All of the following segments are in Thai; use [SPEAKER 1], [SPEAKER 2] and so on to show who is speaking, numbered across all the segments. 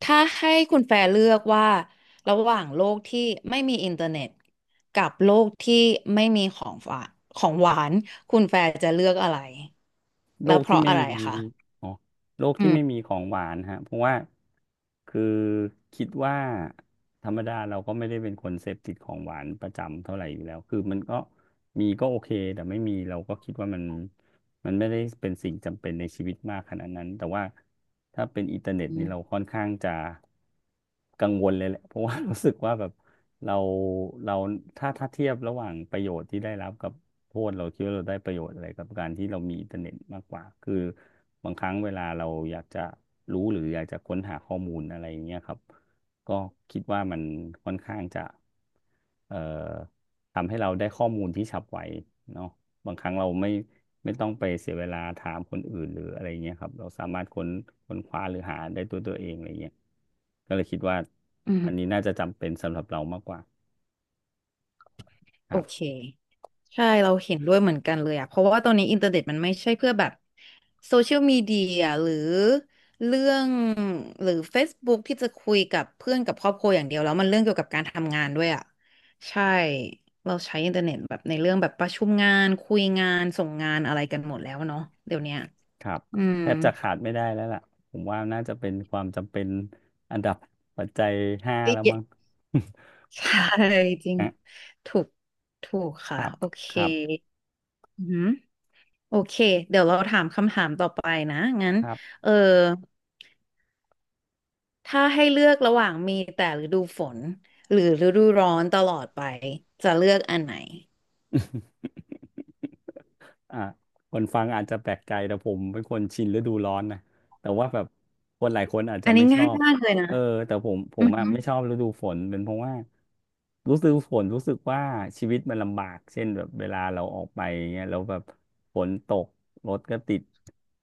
[SPEAKER 1] ถ้าให้คุณแฟร์เลือกว่าระหว่างโลกที่ไม่มีอินเทอร์เน็ตกับโลกที่ไม่มีของฝากของหวานคุณแฟร์จะเลือกอะไร
[SPEAKER 2] โล
[SPEAKER 1] แล้ว
[SPEAKER 2] ก
[SPEAKER 1] เพ
[SPEAKER 2] ที่
[SPEAKER 1] ราะ
[SPEAKER 2] ไม่
[SPEAKER 1] อะไร
[SPEAKER 2] มี
[SPEAKER 1] คะ
[SPEAKER 2] อ๋อโลก
[SPEAKER 1] อื
[SPEAKER 2] ที่ไม่มี
[SPEAKER 1] ม
[SPEAKER 2] ของหวานฮะ เพราะว่าคือคิดว่าธรรมดาเราก็ไม่ได้เป็นคนเสพติดของหวานประจำเท่าไหร่อยู่แล้ว คือมันก็มีก็โอเค แต่ไม่มีเราก็คิดว่ามัน มันไม่ได้เป็นสิ่งจำเป็นในชีวิตมากขนาดนั้นแต่ว่าถ้าเป็นอินเทอร์เน็ตนี่เราค่อนข้างจะกังวลเลยแหละเพราะว่า รู้สึกว่าแบบเราเราถ้าเทียบระหว่างประโยชน์ที่ได้รับกับโทษเราคิดว่าเราได้ประโยชน์อะไรกับการที่เรามีอินเทอร์เน็ตมากกว่าคือบางครั้งเวลาเราอยากจะรู้หรืออยากจะค้นหาข้อมูลอะไรอย่างเงี้ยครับก็คิดว่ามันค่อนข้างจะเอ่อทำให้เราได้ข้อมูลที่ฉับไวเนาะ บางครั้งเราไม่ต้องไปเสียเวลาถามคนอื่นหรืออะไรเงี้ยครับเราสามารถค้นคว้าหรือหาได้ตัวเองอะไรเงี้ยก็เลยคิดว่า
[SPEAKER 1] อื
[SPEAKER 2] อันนี้
[SPEAKER 1] ม
[SPEAKER 2] น่าจะจำเป็นสำหรับเรามากกว่าค
[SPEAKER 1] โอ
[SPEAKER 2] รับ
[SPEAKER 1] เคใช่เราเห็นด้วยเหมือนกันเลยอะเพราะว่าตอนนี้อินเทอร์เน็ตมันไม่ใช่เพื่อแบบโซเชียลมีเดียหรือเรื่องหรือ Facebook ที่จะคุยกับเพื่อนกับครอบครัวอย่างเดียวแล้วมันเรื่องเกี่ยวกับการทำงานด้วยอะใช่เราใช้อินเทอร์เน็ตแบบในเรื่องแบบประชุมงานคุยงานส่งงานอะไรกันหมดแล้วเนาะเดี๋ยวเนี้ย
[SPEAKER 2] ครับ
[SPEAKER 1] อืม
[SPEAKER 2] แทบจะขา ดไม่ได้แล้วล่ะผมว่าน่าจะเป็นความจำเป็นอันดับปัจจัย 5
[SPEAKER 1] เอ้
[SPEAKER 2] แล้ว
[SPEAKER 1] ย
[SPEAKER 2] มั้ง
[SPEAKER 1] ใช่จริ ง
[SPEAKER 2] นะ
[SPEAKER 1] ถูกถูก
[SPEAKER 2] ค
[SPEAKER 1] ค่ะ
[SPEAKER 2] รับ
[SPEAKER 1] โอเค
[SPEAKER 2] ครับ
[SPEAKER 1] อืม โอเคเดี๋ยวเราถามคำถามต่อไปนะงั้น
[SPEAKER 2] ครับ
[SPEAKER 1] เออถ้าให้เลือกระหว่างมีแต่ฤดูฝนหรือฤดูร้อนตลอดไปจะเลือกอันไหน
[SPEAKER 2] อ่ะคนฟังอาจจะแปลกใจแต่ผมเป็นคนชินฤดูร้อนนะแต่ว่าแบบคนหลายคนอาจจะ
[SPEAKER 1] อันนี้
[SPEAKER 2] ไม่ชอ
[SPEAKER 1] ง่าย
[SPEAKER 2] บ
[SPEAKER 1] มากเลยนะ
[SPEAKER 2] เออแต่ผมผ
[SPEAKER 1] อื
[SPEAKER 2] ม
[SPEAKER 1] อ
[SPEAKER 2] อ่ะ
[SPEAKER 1] หือ
[SPEAKER 2] ไม่ชอบฤดูฝนเป็นเพราะว่ารู้สึกฝนรู้สึกว่าชีวิตมันลำบากเช่นแบบเวลาเราออกไปเงี้ยแล้วแบบฝนตกรถก็ติด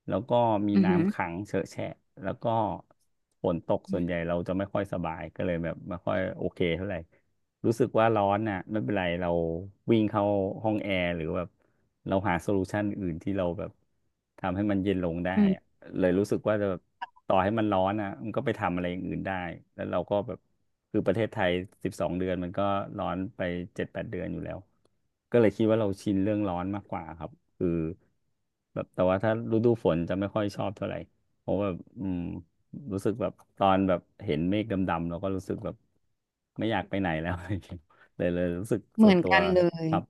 [SPEAKER 2] แล้วก็มี
[SPEAKER 1] อือหือ
[SPEAKER 2] น้ำขังเฉอะแฉะแล้วก็ฝนตกส่วนใหญ่เราจะไม่ค่อยสบายก็เลยแบบไม่ค่อยโอเคเท่าไหร่ รู้สึกว่าร้อนน่ะไม่เป็นไรเราวิ่งเข้าห้องแอร์หรือแบบเราหาโซลูชันอื่นที่เราแบบทำให้มันเย็นลงได้
[SPEAKER 1] อื
[SPEAKER 2] อะ
[SPEAKER 1] ม
[SPEAKER 2] เลยรู้สึกว่าจะแบบต่อให้มันร้อนอ่ะมันก็ไปทำอะไรอย่างอื่นได้แล้วเราก็แบบคือประเทศไทย12 เดือนมันก็ร้อนไป7-8 เดือนอยู่แล้วก็เลยคิดว่าเราชินเรื่องร้อนมากกว่าครับคือแบบแต่ว่าถ้าฤดูฝนจะไม่ค่อยชอบเท่าไหร่เพราะว่าอืม รู้สึกแบบตอนแบบเห็นเมฆดำๆเราก็รู้สึกแบบไม่อยากไปไหนแล้ว เลยรู้สึก
[SPEAKER 1] เห
[SPEAKER 2] ส่
[SPEAKER 1] มื
[SPEAKER 2] วน
[SPEAKER 1] อน
[SPEAKER 2] ตัว
[SPEAKER 1] กันเลย
[SPEAKER 2] ครับ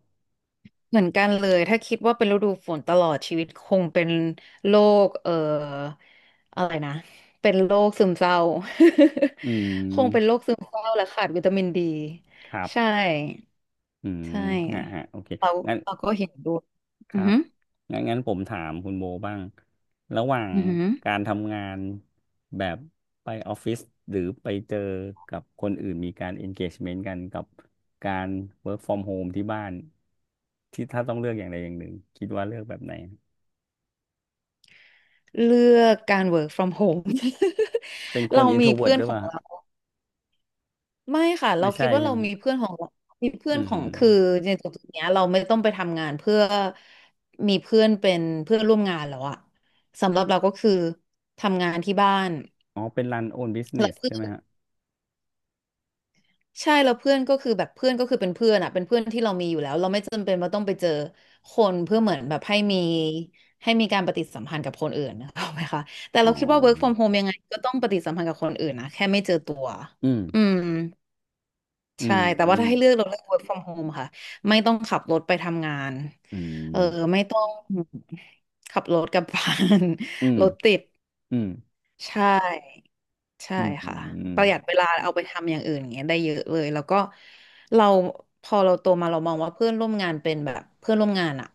[SPEAKER 1] เหมือนกันเลยถ้าคิดว่าเป็นฤดูฝนตลอดชีวิตคงเป็นโรคอะไรนะเป็นโรคซึมเศร้า
[SPEAKER 2] อื
[SPEAKER 1] คงเป็นโร
[SPEAKER 2] ม
[SPEAKER 1] คซึมเศร้าและขาดวิตามินดี
[SPEAKER 2] ครับ
[SPEAKER 1] ใช่
[SPEAKER 2] อืม
[SPEAKER 1] ใช่
[SPEAKER 2] ฮะฮะโอเค
[SPEAKER 1] เรา
[SPEAKER 2] งั้น
[SPEAKER 1] ก็เห็นด้วย
[SPEAKER 2] ค
[SPEAKER 1] อื
[SPEAKER 2] รั
[SPEAKER 1] อ
[SPEAKER 2] บ
[SPEAKER 1] หือ
[SPEAKER 2] งั้นผมถามคุณโบบ้างระหว่าง
[SPEAKER 1] อือหือ
[SPEAKER 2] การทำงานแบบไปออฟฟิศหรือไปเจอกับคนอื่นมีการ engagement กันกับการ work from home ที่บ้านที่ถ้าต้องเลือกอย่างใดอย่างหนึ่งคิดว่าเลือกแบบไหน
[SPEAKER 1] เลือกการ work from home
[SPEAKER 2] เป็น ค
[SPEAKER 1] เรา
[SPEAKER 2] น
[SPEAKER 1] มีเพื่
[SPEAKER 2] introvert
[SPEAKER 1] อ
[SPEAKER 2] ห
[SPEAKER 1] น
[SPEAKER 2] รือ
[SPEAKER 1] ข
[SPEAKER 2] เป
[SPEAKER 1] อง
[SPEAKER 2] ล่า
[SPEAKER 1] เราไม่ค่ะเรา
[SPEAKER 2] ไม่
[SPEAKER 1] คิ
[SPEAKER 2] ใช่
[SPEAKER 1] ดว่า
[SPEAKER 2] ใช่
[SPEAKER 1] เรา
[SPEAKER 2] ไหม
[SPEAKER 1] มี
[SPEAKER 2] ฮะ
[SPEAKER 1] เพื่อนของเรามีเพื่
[SPEAKER 2] อื
[SPEAKER 1] อนขอ
[SPEAKER 2] ม
[SPEAKER 1] งคือในจุดเนี้ยเราไม่ต้องไปทำงานเพื่อมีเพื่อนเป็นเพื่อนร่วมงานแล้วอะสำหรับเราก็คือทำงานที่บ้าน
[SPEAKER 2] อ๋อเป็น run own
[SPEAKER 1] แล้ว
[SPEAKER 2] business
[SPEAKER 1] เพื่อ
[SPEAKER 2] ใช่
[SPEAKER 1] น
[SPEAKER 2] ไหมฮะ
[SPEAKER 1] ใช่แล้วเพื่อนก็คือแบบเพื่อนก็คือเป็นเพื่อนอ่ะเป็นเพื่อนที่เรามีอยู่แล้วเราไม่จำเป็นว่าต้องไปเจอคนเพื่อเหมือนแบบให้มีให้มีการปฏิสัมพันธ์กับคนอื่น นะเข้าไหมคะแต่
[SPEAKER 2] อ๋
[SPEAKER 1] เราคิดว่า work
[SPEAKER 2] อ
[SPEAKER 1] from home ยังไงก็ต้องปฏิสัมพันธ์กับคนอื่นนะแค่ไม่เจอตัว
[SPEAKER 2] อืม
[SPEAKER 1] อืม
[SPEAKER 2] อื
[SPEAKER 1] ใช่
[SPEAKER 2] ม
[SPEAKER 1] แต่
[SPEAKER 2] อื
[SPEAKER 1] ว่า
[SPEAKER 2] ม
[SPEAKER 1] ถ้าให้เลือกเราเลือก work from home ค่ะไม่ต้องขับรถไปทำงาน
[SPEAKER 2] อื
[SPEAKER 1] เออ
[SPEAKER 2] ม
[SPEAKER 1] ไม่ต้องขับรถกลับบ้าน
[SPEAKER 2] อืม
[SPEAKER 1] รถติด
[SPEAKER 2] อืม
[SPEAKER 1] ใช่ ใช่
[SPEAKER 2] อืมอื
[SPEAKER 1] ค่ะป
[SPEAKER 2] ม
[SPEAKER 1] ระหยัดเวลาเอาไปทำอย่างอื่นอย่างเงี้ยได้เยอะเลยแล้วก็เราพอเราโตมาเรามองว่าเพื่อนร่วมงานเป็นแบบเพื่อนร่วมงานอะ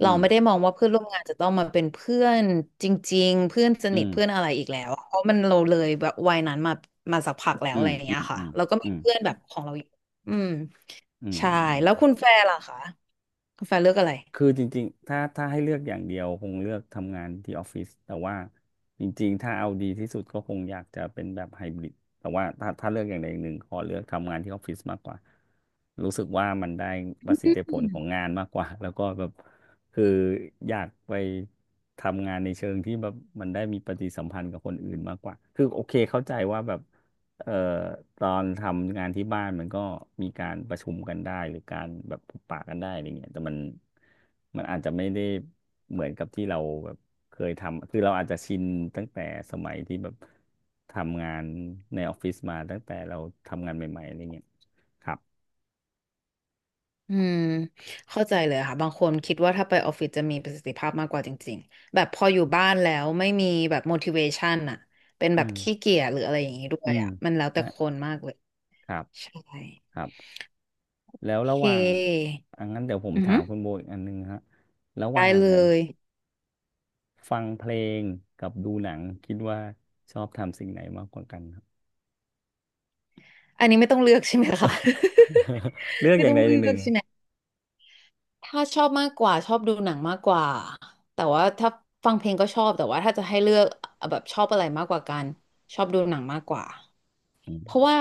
[SPEAKER 2] อื
[SPEAKER 1] เราไม่ได้
[SPEAKER 2] ม
[SPEAKER 1] มองว่าเพื่อนร่วมงานจะต้องมาเป็นเพื่อนจริงๆเพื่อนสนิทเพื่อนอะไรอีกแล้วอะเพราะมันเราเลยแบบวัยนั้นมามาสักพักแล้ว
[SPEAKER 2] อื
[SPEAKER 1] อะ
[SPEAKER 2] ม
[SPEAKER 1] ไรอย่าง
[SPEAKER 2] อื
[SPEAKER 1] เงี้ย
[SPEAKER 2] ม
[SPEAKER 1] ค่ะ
[SPEAKER 2] อืม
[SPEAKER 1] เราก็
[SPEAKER 2] อื
[SPEAKER 1] มี
[SPEAKER 2] ม
[SPEAKER 1] เพื่อนแบบของเราอยู่อืม
[SPEAKER 2] อืม
[SPEAKER 1] ใช่
[SPEAKER 2] อืม
[SPEAKER 1] แล้วคุณแฟร์ล่ะคะคุณแฟร์เลือกอะไร
[SPEAKER 2] คือจริงๆถ้าให้เลือกอย่างเดียวคงเลือกทำงานที่ออฟฟิศแต่ว่าจริงๆถ้าเอาดีที่สุดก็คงอยากจะเป็นแบบไฮบริดแต่ว่าถ้าเลือกอย่างใดอย่างหนึ่งขอเลือกทำงานที่ออฟฟิศมากกว่ารู้สึกว่ามันได้ประสิทธิผลของงานมากกว่า แล้วก็แบบคืออยากไปทำงานในเชิงที่แบบมันได้มีปฏิสัมพันธ์กับคนอื่นมากกว่าคือโอเคเข้าใจว่าแบบ เอ่อตอนทำงานที่บ้านมันก็มีการประชุมกันได้หรือการแบบพบปะกันได้อะไรเงี้ยแต่มันมันอาจจะไม่ได้เหมือนกับที่เราแบบเคยทำคือเราอาจจะชินตั้งแต่สมัยที่แบบทำงานในออฟฟิศมาตั้งแต่เราทำงานใหม่ๆอะไรเงี้ยครับ
[SPEAKER 1] อืมเข้าใจเลยค่ะบางคนคิดว่าถ้าไปออฟฟิศจะมีประสิทธิภาพมากกว่าจริงๆแบบพออยู่บ้านแล้วไม่มีแบบ motivation อะเป็นแบ
[SPEAKER 2] อื
[SPEAKER 1] บ
[SPEAKER 2] ม
[SPEAKER 1] ขี้เกียจหรืออะไรอย่างนี้ด้ว
[SPEAKER 2] อื
[SPEAKER 1] ย
[SPEAKER 2] ม
[SPEAKER 1] อะมันแล้วแต่
[SPEAKER 2] ฮะ
[SPEAKER 1] คนมากเลย
[SPEAKER 2] ครับ
[SPEAKER 1] ใช่
[SPEAKER 2] ครับ
[SPEAKER 1] โ
[SPEAKER 2] แล้ว
[SPEAKER 1] อ
[SPEAKER 2] ระ
[SPEAKER 1] เค
[SPEAKER 2] หว่างอันนั้นเดี๋ยวผม
[SPEAKER 1] อือ
[SPEAKER 2] ถา
[SPEAKER 1] หื
[SPEAKER 2] ม
[SPEAKER 1] อ
[SPEAKER 2] คุณโบอีกอันนึงฮะระห
[SPEAKER 1] ได้
[SPEAKER 2] ว่าง
[SPEAKER 1] เลย
[SPEAKER 2] ฟังเพลงกับดูหนังคิดว่าชอบทำสิ่งไหนมากกว่ากันครับ
[SPEAKER 1] อันนี้ไม่ต้องเลือกใช่ไหมคะ
[SPEAKER 2] เลือ ก
[SPEAKER 1] ไม่
[SPEAKER 2] อย่า
[SPEAKER 1] ต้
[SPEAKER 2] ง
[SPEAKER 1] อง
[SPEAKER 2] ใดอ
[SPEAKER 1] เลื
[SPEAKER 2] ย่างห
[SPEAKER 1] อ
[SPEAKER 2] นึ่
[SPEAKER 1] ก
[SPEAKER 2] ง
[SPEAKER 1] ใช่ไหม ถ้าชอบมากกว่าชอบดูหนังมากกว่าแต่ว่าถ้าฟังเพลงก็ชอบแต่ว่าถ้าจะให้เลือกแบบชอบอะไรมากกว่ากันชอบดูหนังมากกว่า
[SPEAKER 2] อื
[SPEAKER 1] เพราะ
[SPEAKER 2] ม
[SPEAKER 1] ว่า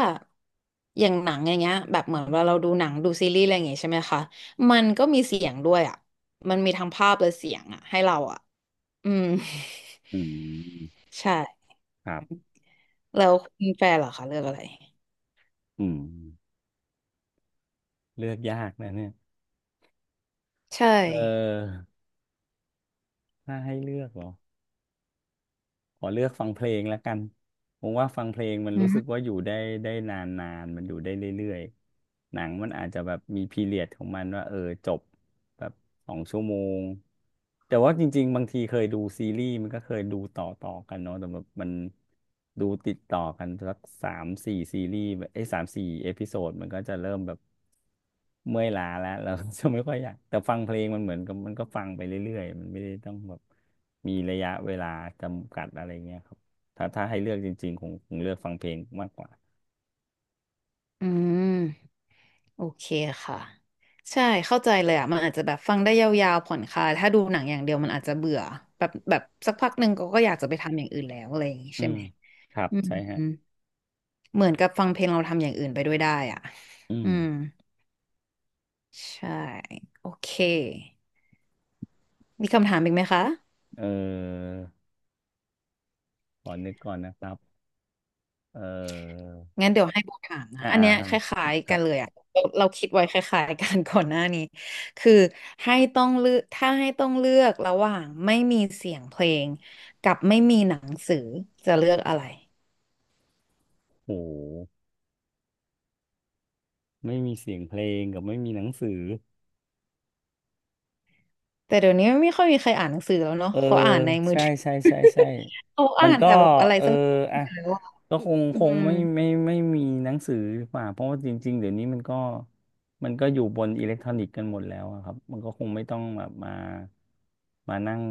[SPEAKER 1] อย่างหนังอย่างเงี้ยแบบเหมือนเวลาเราดูหนังดูซีรีส์อะไรอย่างเงี้ยใช่ไหมคะมันก็มีเสียงด้วยอ่ะมันมีทั้งภาพและเสียงอ่ะให้เราอ่ะอืม
[SPEAKER 2] อืม
[SPEAKER 1] ใช่
[SPEAKER 2] ครับ
[SPEAKER 1] แล้วคุณแฟนเหรอคะเลือกอะไร
[SPEAKER 2] อืมเลือกยากนะเนี่ย
[SPEAKER 1] ใช่
[SPEAKER 2] เออถ้าให้เลือกเหรอขอเลือกฟังเพลงแล้วกันผมว่าฟังเพลงมัน
[SPEAKER 1] อื
[SPEAKER 2] รู้สึ
[SPEAKER 1] ม
[SPEAKER 2] กว่าอยู่ได้ได้นานๆมันอยู่ได้เรื่อยๆหนังมันอาจจะแบบมีพีเรียดของมันว่าเออจบ แบบ2 ชั่วโมงแต่ว่าจริงๆบางทีเคยดูซีรีส์มันก็เคยดูต่อกันเนาะแต่แบบมันดูติดต่อกันสักสามสี่ซีรีส์แบบไอ้สามสี่เอพิโซดมันก็จะเริ่มแบบเมื่อยล้าแล้วเราก็จะไม่ค่อยอยากแต่ฟังเพลงมันเหมือนกับมันก็ฟังไปเรื่อยๆมันไม่ได้ต้องแบบมีระยะเวลาจำกัดอะไรเงี้ยครับถ้าให้เลือกจริงๆคงเลือกฟังเพลงมากกว่า
[SPEAKER 1] อืม โอเคค่ะใช่เข้าใจเลยอ่ะมันอาจจะแบบฟังได้ยาวๆผ่อนคลายถ้าดูหนังอย่างเดียวมันอาจจะเบื่อแบบสักพักหนึ่งก็ก็อยากจะไปทำอย่างอื่นแล้วอะไรอย่างงี้
[SPEAKER 2] อื
[SPEAKER 1] ใช่
[SPEAKER 2] ม
[SPEAKER 1] ไหม
[SPEAKER 2] ครับ
[SPEAKER 1] อืม
[SPEAKER 2] ใช่ฮะ
[SPEAKER 1] อืมเหมือนกับฟังเพลงเราทำอย่างอื่นไปด้วยได้อ่ะ
[SPEAKER 2] อื
[SPEAKER 1] อื
[SPEAKER 2] ม
[SPEAKER 1] มใช่โอเคมีคำถามอีกไหมคะ
[SPEAKER 2] เออขอนึกก่อนนะครับเออ
[SPEAKER 1] งั้นเดี๋ยวให้โบถามนะ
[SPEAKER 2] อ่า
[SPEAKER 1] อัน
[SPEAKER 2] อ่า
[SPEAKER 1] เนี้ย
[SPEAKER 2] ฮะ
[SPEAKER 1] คล้าย
[SPEAKER 2] ค
[SPEAKER 1] ๆ
[SPEAKER 2] รั
[SPEAKER 1] กั
[SPEAKER 2] บ
[SPEAKER 1] นเลยอะเราคิดไว้คล้ายๆกันก่อนหน้านี้คือให้ต้องเลือกถ้าให้ต้องเลือกระหว่างไม่มีเสียงเพลงกับไม่มีหนังสือจะเลือกอะไร
[SPEAKER 2] โอ้โหไม่มีเสียงเพลงกับไม่มีหนังสือ
[SPEAKER 1] แต่เดี๋ยวนี้ไม่ค่อยมีใครอ่านหนังสือแล้วเนาะ
[SPEAKER 2] เออ
[SPEAKER 1] เขาอ่านในมือ
[SPEAKER 2] ใช่
[SPEAKER 1] ถือ
[SPEAKER 2] ใช่ใช่ใช่
[SPEAKER 1] เขา
[SPEAKER 2] มั
[SPEAKER 1] อ่า
[SPEAKER 2] น
[SPEAKER 1] น
[SPEAKER 2] ก็
[SPEAKER 1] แต่แบบอะไร
[SPEAKER 2] เออ
[SPEAKER 1] สัก
[SPEAKER 2] อ่ะ
[SPEAKER 1] อย่างแล้วอะ
[SPEAKER 2] ก็คง
[SPEAKER 1] อื
[SPEAKER 2] คง
[SPEAKER 1] ม
[SPEAKER 2] ไม่ไม่มีหนังสือดีกว่าเพราะว่าจริงๆเดี๋ยวนี้มันก็อยู่บนอิเล็กทรอนิกส์กันหมดแล้วอะครับมันก็คงไม่ต้องแบบมานั่ง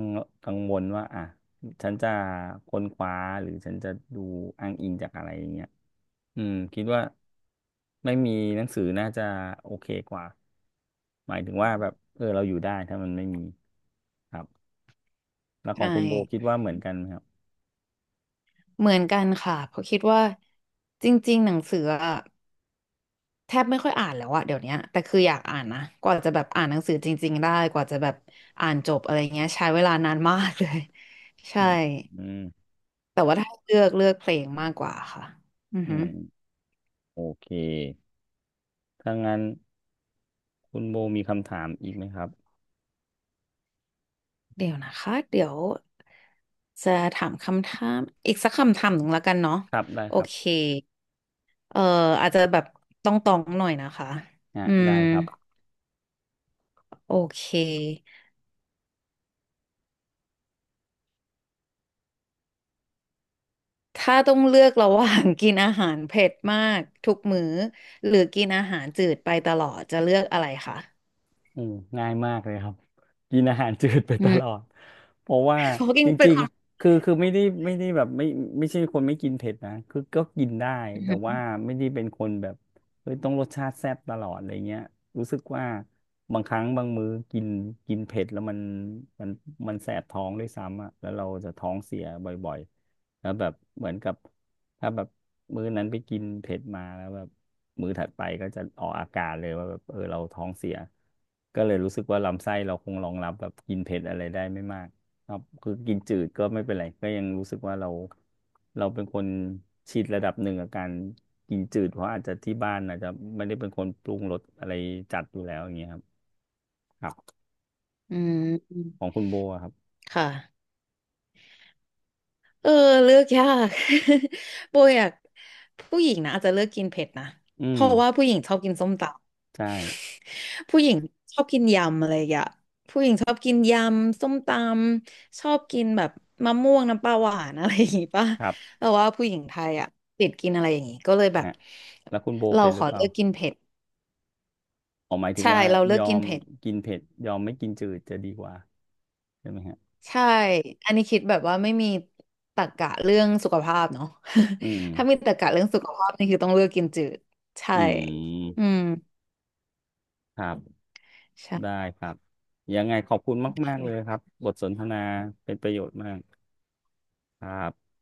[SPEAKER 2] กังวลว่าอ่ะฉันจะค้นคว้าหรือฉันจะดูอ้างอิงจากอะไรอย่างเงี้ย อืมคิดว่าไม่มีหนังสือน่าจะโอเคกว่าหมายถึงว่าแบบเออเราอยู่ได้ถ้ามันไม่มีครับแล้วขอ
[SPEAKER 1] ใช่
[SPEAKER 2] งคุณโบคิดว่าเหมือนกันไหมครับ
[SPEAKER 1] เหมือนกันค่ะเพราะคิดว่าจริงๆหนังสืออะ แทบไม่ค่อยอ่านแล้วอะเดี๋ยวเนี้ยแต่คืออยากอ่านนะกว่าจะแบบอ่านหนังสือจริงๆได้กว่าจะแบบอ่านจบอะไรเงี้ยใช้เวลานานมากเลย ใช่
[SPEAKER 2] อืมอืม
[SPEAKER 1] แต่ว่าถ้าเลือกเลือกเพลงมากกว่าค่ะอือ
[SPEAKER 2] อื
[SPEAKER 1] ฮึ
[SPEAKER 2] มโอเคถ้างั้นคุณโบมีคำถามอีกไหมครับ
[SPEAKER 1] เดี๋ยวนะคะเดี๋ยวจะถามคำถามอีกสักคำถามหนึ่งแล้วกันเนาะ
[SPEAKER 2] ครับได้
[SPEAKER 1] โอ
[SPEAKER 2] ครั
[SPEAKER 1] เค
[SPEAKER 2] บ
[SPEAKER 1] เอ่ออาจจะแบบต้องตองๆหน่อยนะคะ
[SPEAKER 2] อ่ะ
[SPEAKER 1] อืม
[SPEAKER 2] ได้ครับ
[SPEAKER 1] โอเค ถ้าต้องเลือกระหว่างกินอาหารเผ็ดมากทุกมื้อหรือกินอาหารจืดไปตลอดจะเลือกอะไรคะ
[SPEAKER 2] อืมง่ายมากเลยครับกินอาหารจืดไป
[SPEAKER 1] อื
[SPEAKER 2] ต
[SPEAKER 1] ม
[SPEAKER 2] ลอดเพราะว่า
[SPEAKER 1] เพราะกิ
[SPEAKER 2] จ
[SPEAKER 1] นเป็น
[SPEAKER 2] ริง
[SPEAKER 1] คน
[SPEAKER 2] ๆคือไม่ได้ไม่ได้แบบไม่ไม่ใช่คนไม่กินเผ็ดนะคือก็กินได้
[SPEAKER 1] อื
[SPEAKER 2] แต่ว่า
[SPEAKER 1] ม
[SPEAKER 2] ไม่ได้เป็นคนแบบเฮ้ยต้องรสชาติแซ่บตลอดอะไรเงี้ยรู้สึกว่าบางครั้งบางมื้อกินกินเผ็ดแล้วมันมันแสบท้องด้วยซ้ำอ่ะแล้วเราจะท้องเสียบ่อยๆแล้วแบบเหมือนกับถ้าแบบมื้อนั้นไปกินเผ็ดมาแล้วแบบ มื้อถัดไปก็จะออกอาการเลยว่าแบบเออเราท้องเสียก็เลยรู้สึกว่าลำไส้เราคงรองรับแบบกินเผ็ดอะไรได้ไม่มากครับคือกินจืดก็ไม่เป็นไรก็ยังรู้สึกว่าเราเป็นคนชินระดับหนึ่งกับการกินจืดเพราะอาจจะที่บ้านอาจจะไม่ได้เป็นคนปรุงรสอะไรจัดอยู่แล้วอย่างเงี้ยครับครับ
[SPEAKER 1] อื
[SPEAKER 2] ของ
[SPEAKER 1] ม
[SPEAKER 2] คุณโบอะครับ
[SPEAKER 1] ค่ะเออเลือกยาก โบอยากผู้หญิงนะอาจจะเลือกกินเผ็ดนะ
[SPEAKER 2] อื
[SPEAKER 1] เพ
[SPEAKER 2] ม
[SPEAKER 1] ราะว่าผู้หญิงชอบกินส้มตำ
[SPEAKER 2] ใช่
[SPEAKER 1] ผู้หญิงชอบกินยำอะไรอย่างเงี้ยผู้หญิงชอบกินยำส้มตำชอบกินแบบมะม่วงน้ำปลาหวานอะไรอย่างงี้ป่ะ
[SPEAKER 2] ครับ
[SPEAKER 1] แต่ว่าผู้หญิงไทยอ่ะติดกินอะไรอย่างงี้ก็เลยแบบ
[SPEAKER 2] ฮะแล้วคุณโบ
[SPEAKER 1] เรา
[SPEAKER 2] เป็นห
[SPEAKER 1] ข
[SPEAKER 2] รือ
[SPEAKER 1] อ
[SPEAKER 2] เปล่า
[SPEAKER 1] เลือกกินเผ็ด
[SPEAKER 2] ออหมายถึง
[SPEAKER 1] ใช่
[SPEAKER 2] ว่า
[SPEAKER 1] เราเลื
[SPEAKER 2] ย
[SPEAKER 1] อก
[SPEAKER 2] อ
[SPEAKER 1] กิน
[SPEAKER 2] ม
[SPEAKER 1] เผ็ด
[SPEAKER 2] กินเผ็ดยอมไม่กินจืดจะดีกว่าใช่ไหมฮะ
[SPEAKER 1] ใช่ อันนี้คิดแบบว่าไม่มีตรรกะเรื่องสุขภาพเนาะ
[SPEAKER 2] อืม
[SPEAKER 1] ถ้ามีตรรกะเรื่องสุขภาพนี่คือต้องเลือกกินจืดใช่
[SPEAKER 2] อื
[SPEAKER 1] อื
[SPEAKER 2] ม
[SPEAKER 1] ม
[SPEAKER 2] ครับ
[SPEAKER 1] ใช
[SPEAKER 2] ได้ครับ ยังไงขอบคุณมากๆเล
[SPEAKER 1] ่
[SPEAKER 2] ยครับ บทสนทนาเป็นประโยชน์มากครับ